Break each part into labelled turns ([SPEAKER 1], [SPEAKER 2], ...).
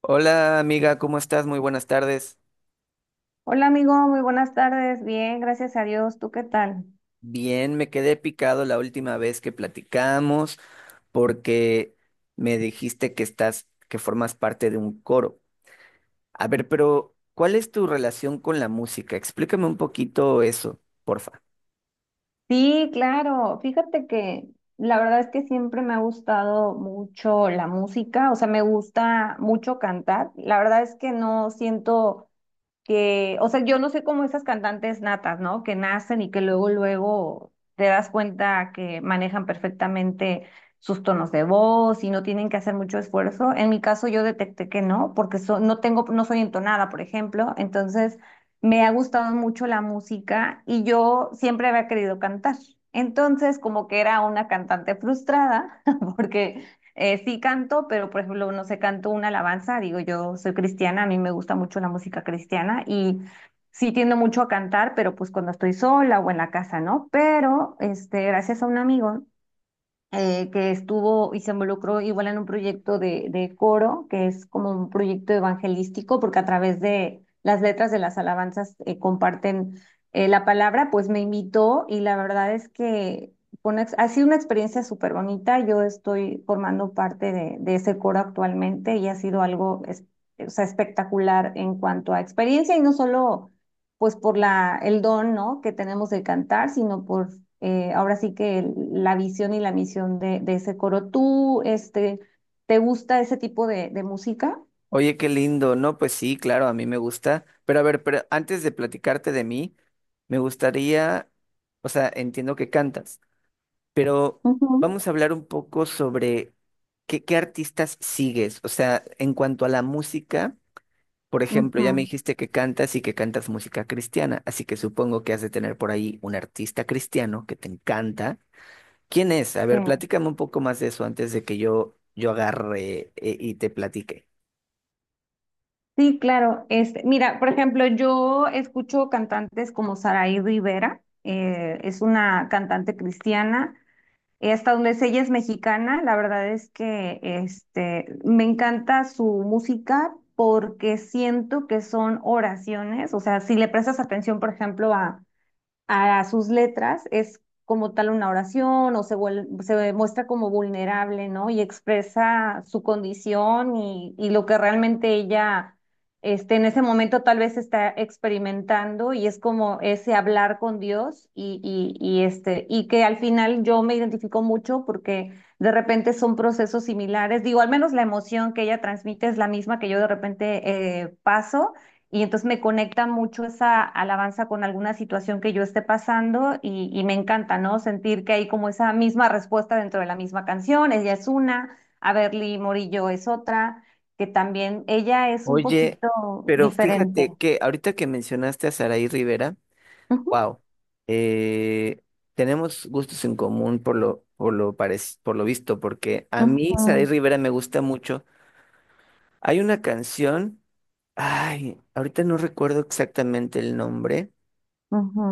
[SPEAKER 1] Hola amiga, ¿cómo estás? Muy buenas tardes.
[SPEAKER 2] Hola amigo, muy buenas tardes. Bien, gracias a Dios. ¿Tú qué tal?
[SPEAKER 1] Bien, me quedé picado la última vez que platicamos porque me dijiste que formas parte de un coro. A ver, pero ¿cuál es tu relación con la música? Explícame un poquito eso, porfa.
[SPEAKER 2] Sí, claro. Fíjate que la verdad es que siempre me ha gustado mucho la música, o sea, me gusta mucho cantar. La verdad es que no siento que, o sea, yo no sé cómo esas cantantes natas, ¿no? Que nacen y que luego, luego te das cuenta que manejan perfectamente sus tonos de voz y no tienen que hacer mucho esfuerzo. En mi caso, yo detecté que no, porque no tengo, no soy entonada, por ejemplo. Entonces, me ha gustado mucho la música y yo siempre había querido cantar. Entonces, como que era una cantante frustrada, porque sí canto, pero por ejemplo, no sé, canto una alabanza, digo, yo soy cristiana, a mí me gusta mucho la música cristiana y sí tiendo mucho a cantar, pero pues cuando estoy sola o en la casa, ¿no? Pero, este, gracias a un amigo que estuvo y se involucró igual en un proyecto de coro, que es como un proyecto evangelístico, porque a través de las letras de las alabanzas comparten la palabra, pues me invitó y la verdad es que ha sido una experiencia súper bonita. Yo estoy formando parte de ese coro actualmente y ha sido algo o sea, espectacular en cuanto a experiencia y no solo pues por la, el don, ¿no? Que tenemos de cantar, sino por ahora sí que la visión y la misión de ese coro. ¿Tú, este, te gusta ese tipo de música?
[SPEAKER 1] Oye, qué lindo. No, pues sí, claro, a mí me gusta. Pero a ver, pero antes de platicarte de mí, me gustaría, o sea, entiendo que cantas. Pero
[SPEAKER 2] Ujú,
[SPEAKER 1] vamos a hablar un poco sobre qué artistas sigues. O sea, en cuanto a la música, por ejemplo, ya me
[SPEAKER 2] ujú,
[SPEAKER 1] dijiste que cantas y que cantas música cristiana, así que supongo que has de tener por ahí un artista cristiano que te encanta. ¿Quién es? A
[SPEAKER 2] sí.
[SPEAKER 1] ver, platícame un poco más de eso antes de que yo agarre y te platique.
[SPEAKER 2] Sí, claro. Este, mira, por ejemplo, yo escucho cantantes como Saraí Rivera, es una cantante cristiana. Hasta donde sé, ella es mexicana, la verdad es que este, me encanta su música porque siento que son oraciones, o sea, si le prestas atención, por ejemplo, a sus letras es como tal una oración o se muestra como vulnerable, ¿no? Y expresa su condición y lo que realmente ella este, en ese momento tal vez está experimentando y es como ese hablar con Dios y este, y que al final yo me identifico mucho porque de repente son procesos similares, digo, al menos la emoción que ella transmite es la misma que yo de repente paso. Y entonces me conecta mucho esa alabanza con alguna situación que yo esté pasando y me encanta, ¿no? Sentir que hay como esa misma respuesta dentro de la misma canción. Ella es una, a Berly Morillo es otra, que también ella es un
[SPEAKER 1] Oye,
[SPEAKER 2] poquito
[SPEAKER 1] pero
[SPEAKER 2] diferente.
[SPEAKER 1] fíjate que ahorita que mencionaste a Saraí Rivera.
[SPEAKER 2] Ujú,
[SPEAKER 1] Wow. Eh, Tenemos gustos en común por por lo visto, porque a mí Saray
[SPEAKER 2] ujú,
[SPEAKER 1] Rivera me gusta mucho. Hay una canción, ay, ahorita no recuerdo exactamente el nombre,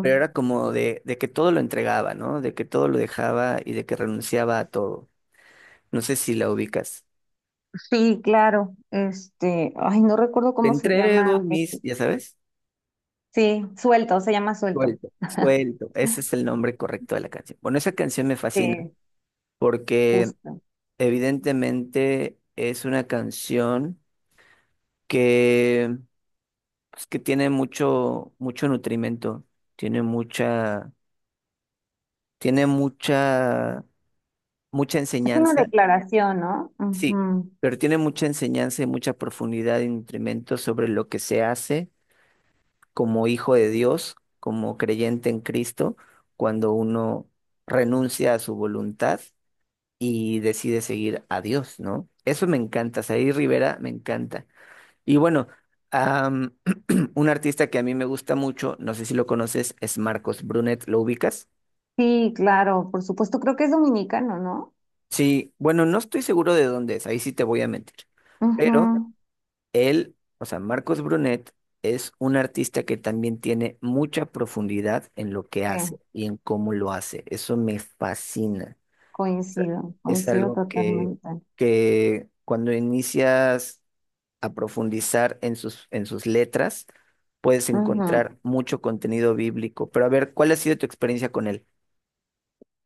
[SPEAKER 1] pero era como de que todo lo entregaba, ¿no? De que todo lo dejaba y de que renunciaba a todo. No sé si la ubicas.
[SPEAKER 2] Sí, claro. Este, ay, no recuerdo
[SPEAKER 1] Te
[SPEAKER 2] cómo se
[SPEAKER 1] entrego
[SPEAKER 2] llama.
[SPEAKER 1] mis,
[SPEAKER 2] Este,
[SPEAKER 1] ya sabes,
[SPEAKER 2] sí, suelto, se llama suelto.
[SPEAKER 1] suelto. Ese es el nombre correcto de la canción. Bueno, esa canción me fascina
[SPEAKER 2] Sí,
[SPEAKER 1] porque
[SPEAKER 2] justo.
[SPEAKER 1] evidentemente es una canción que, pues, que tiene mucho, mucho nutrimento, tiene mucha, tiene mucha, mucha
[SPEAKER 2] Es una
[SPEAKER 1] enseñanza,
[SPEAKER 2] declaración, no.
[SPEAKER 1] sí,
[SPEAKER 2] Ujú.
[SPEAKER 1] pero tiene mucha enseñanza y mucha profundidad y nutrimento sobre lo que se hace como hijo de Dios, como creyente en Cristo, cuando uno renuncia a su voluntad y decide seguir a Dios, ¿no? Eso me encanta, Said Rivera me encanta. Y bueno, am, un artista que a mí me gusta mucho, no sé si lo conoces, es Marcos Brunet, ¿lo ubicas?
[SPEAKER 2] Sí, claro, por supuesto, creo que es dominicano, ¿no?
[SPEAKER 1] Sí, bueno, no estoy seguro de dónde es, ahí sí te voy a mentir. Pero
[SPEAKER 2] Ujú.
[SPEAKER 1] él, o sea, Marcos Brunet es un artista que también tiene mucha profundidad en lo que
[SPEAKER 2] Sí,
[SPEAKER 1] hace y en cómo lo hace. Eso me fascina. O sea,
[SPEAKER 2] coincido,
[SPEAKER 1] es
[SPEAKER 2] coincido
[SPEAKER 1] algo que,
[SPEAKER 2] totalmente.
[SPEAKER 1] que cuando inicias a profundizar en sus letras, puedes
[SPEAKER 2] Ujú.
[SPEAKER 1] encontrar mucho contenido bíblico. Pero a ver, ¿cuál ha sido tu experiencia con él?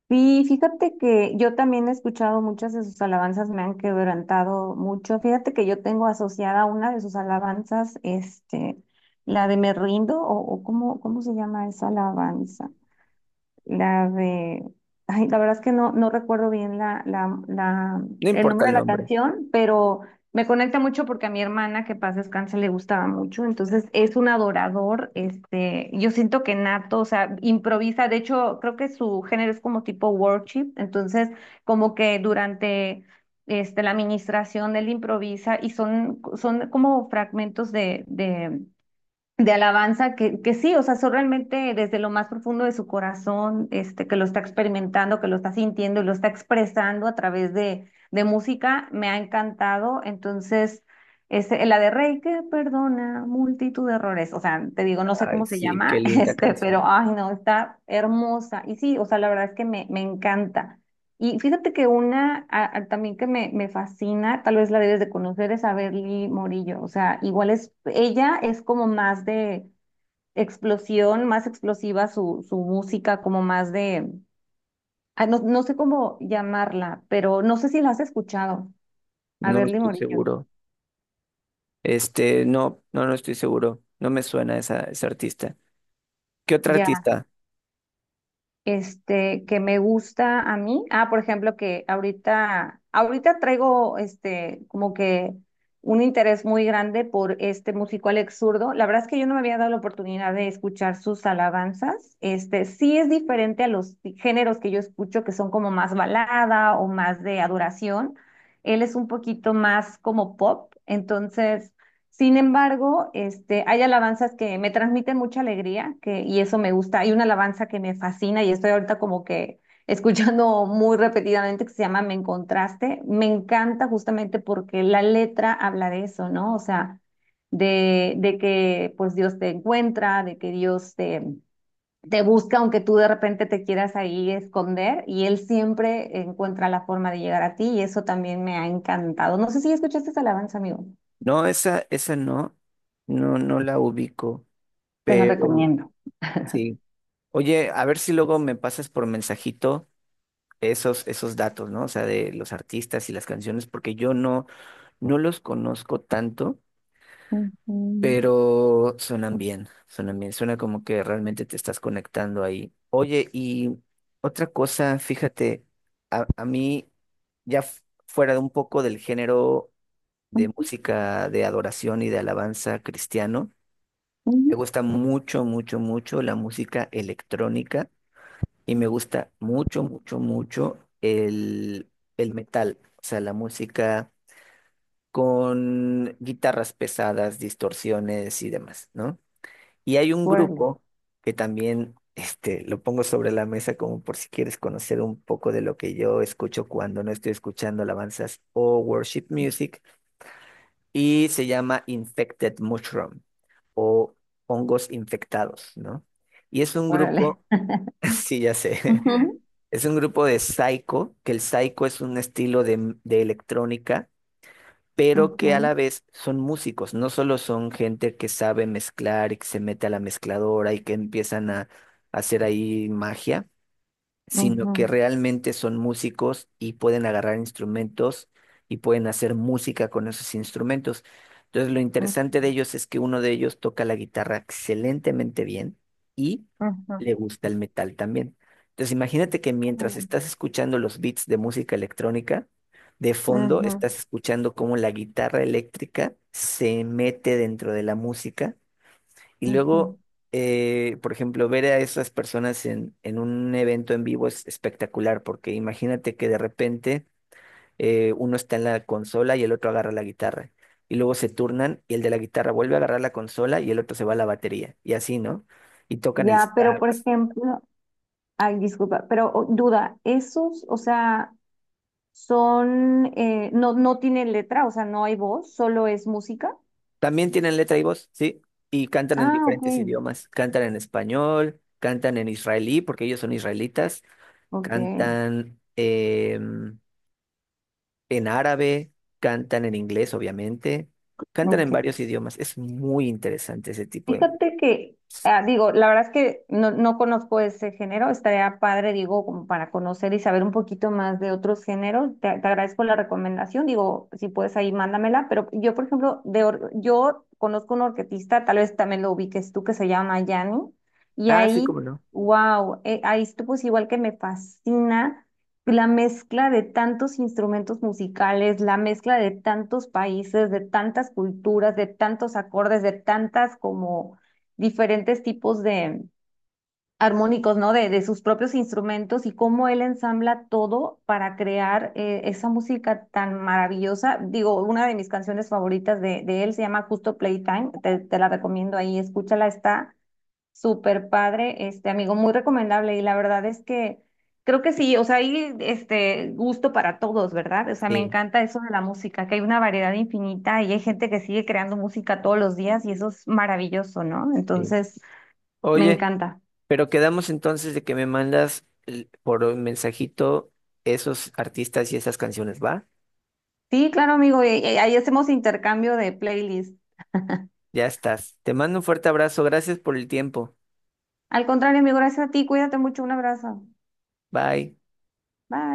[SPEAKER 2] Sí, fíjate que yo también he escuchado muchas de sus alabanzas, me han quebrantado mucho. Fíjate que yo tengo asociada una de sus alabanzas, este, la de Me Rindo, o ¿cómo, cómo se llama esa alabanza? La de... Ay, la verdad es que no, no recuerdo bien
[SPEAKER 1] No
[SPEAKER 2] el
[SPEAKER 1] importa
[SPEAKER 2] nombre
[SPEAKER 1] el
[SPEAKER 2] de la
[SPEAKER 1] nombre.
[SPEAKER 2] canción, pero me conecta mucho porque a mi hermana, que paz descanse, le gustaba mucho. Entonces es un adorador. Este, yo siento que nato, o sea, improvisa. De hecho, creo que su género es como tipo worship. Entonces, como que durante este, la administración él improvisa y son, son como fragmentos de alabanza que sí, o sea, son realmente desde lo más profundo de su corazón, este, que lo está experimentando, que lo está sintiendo y lo está expresando a través de música, me ha encantado. Entonces, este, la de Rey que perdona multitud de errores, o sea, te digo, no sé
[SPEAKER 1] Ay,
[SPEAKER 2] cómo se
[SPEAKER 1] sí, qué
[SPEAKER 2] llama,
[SPEAKER 1] linda
[SPEAKER 2] este, pero,
[SPEAKER 1] canción.
[SPEAKER 2] ay, no, está hermosa. Y sí, o sea, la verdad es que me encanta. Y fíjate que una también que me fascina, tal vez la debes de conocer, es a Berly Morillo. O sea, igual es, ella es como más de explosión, más explosiva su música, como más de, ah, no, no sé cómo llamarla, pero no sé si la has escuchado, a
[SPEAKER 1] No
[SPEAKER 2] Berly
[SPEAKER 1] estoy
[SPEAKER 2] Morillo.
[SPEAKER 1] seguro. Este, no estoy seguro. No me suena esa, ese artista. ¿Qué otra
[SPEAKER 2] Ya
[SPEAKER 1] artista?
[SPEAKER 2] este, que me gusta a mí. Ah, por ejemplo, que ahorita traigo este, como que un interés muy grande por este músico Alex Zurdo. La verdad es que yo no me había dado la oportunidad de escuchar sus alabanzas. Este, sí es diferente a los géneros que yo escucho, que son como más balada o más de adoración. Él es un poquito más como pop, entonces sin embargo, este, hay alabanzas que me transmiten mucha alegría que, y eso me gusta. Hay una alabanza que me fascina y estoy ahorita como que escuchando muy repetidamente que se llama Me Encontraste. Me encanta justamente porque la letra habla de eso, ¿no? O sea, de que pues Dios te encuentra, de que Dios te busca aunque tú de repente te quieras ahí esconder y Él siempre encuentra la forma de llegar a ti y eso también me ha encantado. No sé si escuchaste esa alabanza, amigo.
[SPEAKER 1] No, esa no. No, no la ubico.
[SPEAKER 2] Te la
[SPEAKER 1] Pero
[SPEAKER 2] recomiendo.
[SPEAKER 1] sí. Oye, a ver si luego me pasas por mensajito esos datos, ¿no? O sea, de los artistas y las canciones, porque yo no. No los conozco tanto,
[SPEAKER 2] Ujú, ujú,
[SPEAKER 1] pero suenan bien, suena como que realmente te estás conectando ahí. Oye, y otra cosa, fíjate, a mí, ya f- fuera de un poco del género de música de adoración y de alabanza cristiano, me
[SPEAKER 2] ujú.
[SPEAKER 1] gusta mucho, mucho, mucho la música electrónica y me gusta mucho, mucho, mucho el metal, o sea, la música con guitarras pesadas, distorsiones y demás, ¿no? Y hay un
[SPEAKER 2] Órale,
[SPEAKER 1] grupo que también, este, lo pongo sobre la mesa como por si quieres conocer un poco de lo que yo escucho cuando no estoy escuchando alabanzas o worship music, y se llama Infected Mushroom o hongos infectados, ¿no? Y es un
[SPEAKER 2] órale.
[SPEAKER 1] grupo, sí, ya sé,
[SPEAKER 2] Ujú,
[SPEAKER 1] es un grupo de psycho, que el psycho es un estilo de electrónica, pero que a
[SPEAKER 2] ujú,
[SPEAKER 1] la vez son músicos, no solo son gente que sabe mezclar y que se mete a la mezcladora y que empiezan a hacer ahí magia, sino que
[SPEAKER 2] ujú,
[SPEAKER 1] realmente son músicos y pueden agarrar instrumentos y pueden hacer música con esos instrumentos. Entonces, lo
[SPEAKER 2] ujú,
[SPEAKER 1] interesante de ellos es que uno de ellos toca la guitarra excelentemente bien y le gusta el metal también. Entonces, imagínate que mientras
[SPEAKER 2] ujú,
[SPEAKER 1] estás escuchando los beats de música electrónica, de fondo
[SPEAKER 2] ujú,
[SPEAKER 1] estás escuchando cómo la guitarra eléctrica se mete dentro de la música y
[SPEAKER 2] ujú.
[SPEAKER 1] luego, por ejemplo, ver a esas personas en un evento en vivo es espectacular, porque imagínate que de repente uno está en la consola y el otro agarra la guitarra. Y luego se turnan y el de la guitarra vuelve a agarrar la consola y el otro se va a la batería. Y así, ¿no? Y tocan el
[SPEAKER 2] Ya, pero por
[SPEAKER 1] sax.
[SPEAKER 2] ejemplo, ay, disculpa, pero duda, esos, o sea, son, no, no tienen letra, o sea, no hay voz, solo es música.
[SPEAKER 1] También tienen letra y voz, ¿sí? Y cantan en
[SPEAKER 2] Ah, ok,
[SPEAKER 1] diferentes idiomas. Cantan en español, cantan en israelí, porque ellos son israelitas.
[SPEAKER 2] ok,
[SPEAKER 1] Cantan en árabe, cantan en inglés, obviamente, cantan en
[SPEAKER 2] ok.
[SPEAKER 1] varios idiomas. Es muy interesante ese tipo de...
[SPEAKER 2] Fíjate que, ah, digo, la verdad es que no, no conozco ese género, estaría padre, digo, como para conocer y saber un poquito más de otros géneros. Te agradezco la recomendación, digo, si puedes ahí mándamela, pero yo, por ejemplo, yo conozco un orquetista, tal vez también lo ubiques tú, que se llama Yanni, y
[SPEAKER 1] Ah, sí, cómo
[SPEAKER 2] ahí,
[SPEAKER 1] no.
[SPEAKER 2] wow, ahí tú pues igual que me fascina. La mezcla de tantos instrumentos musicales, la mezcla de tantos países, de tantas culturas, de tantos acordes, de tantas como diferentes tipos de armónicos, ¿no? De sus propios instrumentos y cómo él ensambla todo para crear esa música tan maravillosa. Digo, una de mis canciones favoritas de él se llama Justo Playtime, te la recomiendo ahí, escúchala, está súper padre, este amigo, muy recomendable y la verdad es que creo que sí, o sea, hay este gusto para todos, ¿verdad? O sea, me
[SPEAKER 1] Sí,
[SPEAKER 2] encanta eso de la música, que hay una variedad infinita y hay gente que sigue creando música todos los días y eso es maravilloso, ¿no?
[SPEAKER 1] sí.
[SPEAKER 2] Entonces, me
[SPEAKER 1] Oye,
[SPEAKER 2] encanta.
[SPEAKER 1] pero quedamos entonces de que me mandas l- por un mensajito esos artistas y esas canciones, ¿va?
[SPEAKER 2] Sí, claro, amigo, y ahí hacemos intercambio de playlists.
[SPEAKER 1] Ya estás. Te mando un fuerte abrazo. Gracias por el tiempo.
[SPEAKER 2] Al contrario, amigo, gracias a ti, cuídate mucho, un abrazo.
[SPEAKER 1] Bye.
[SPEAKER 2] Bye.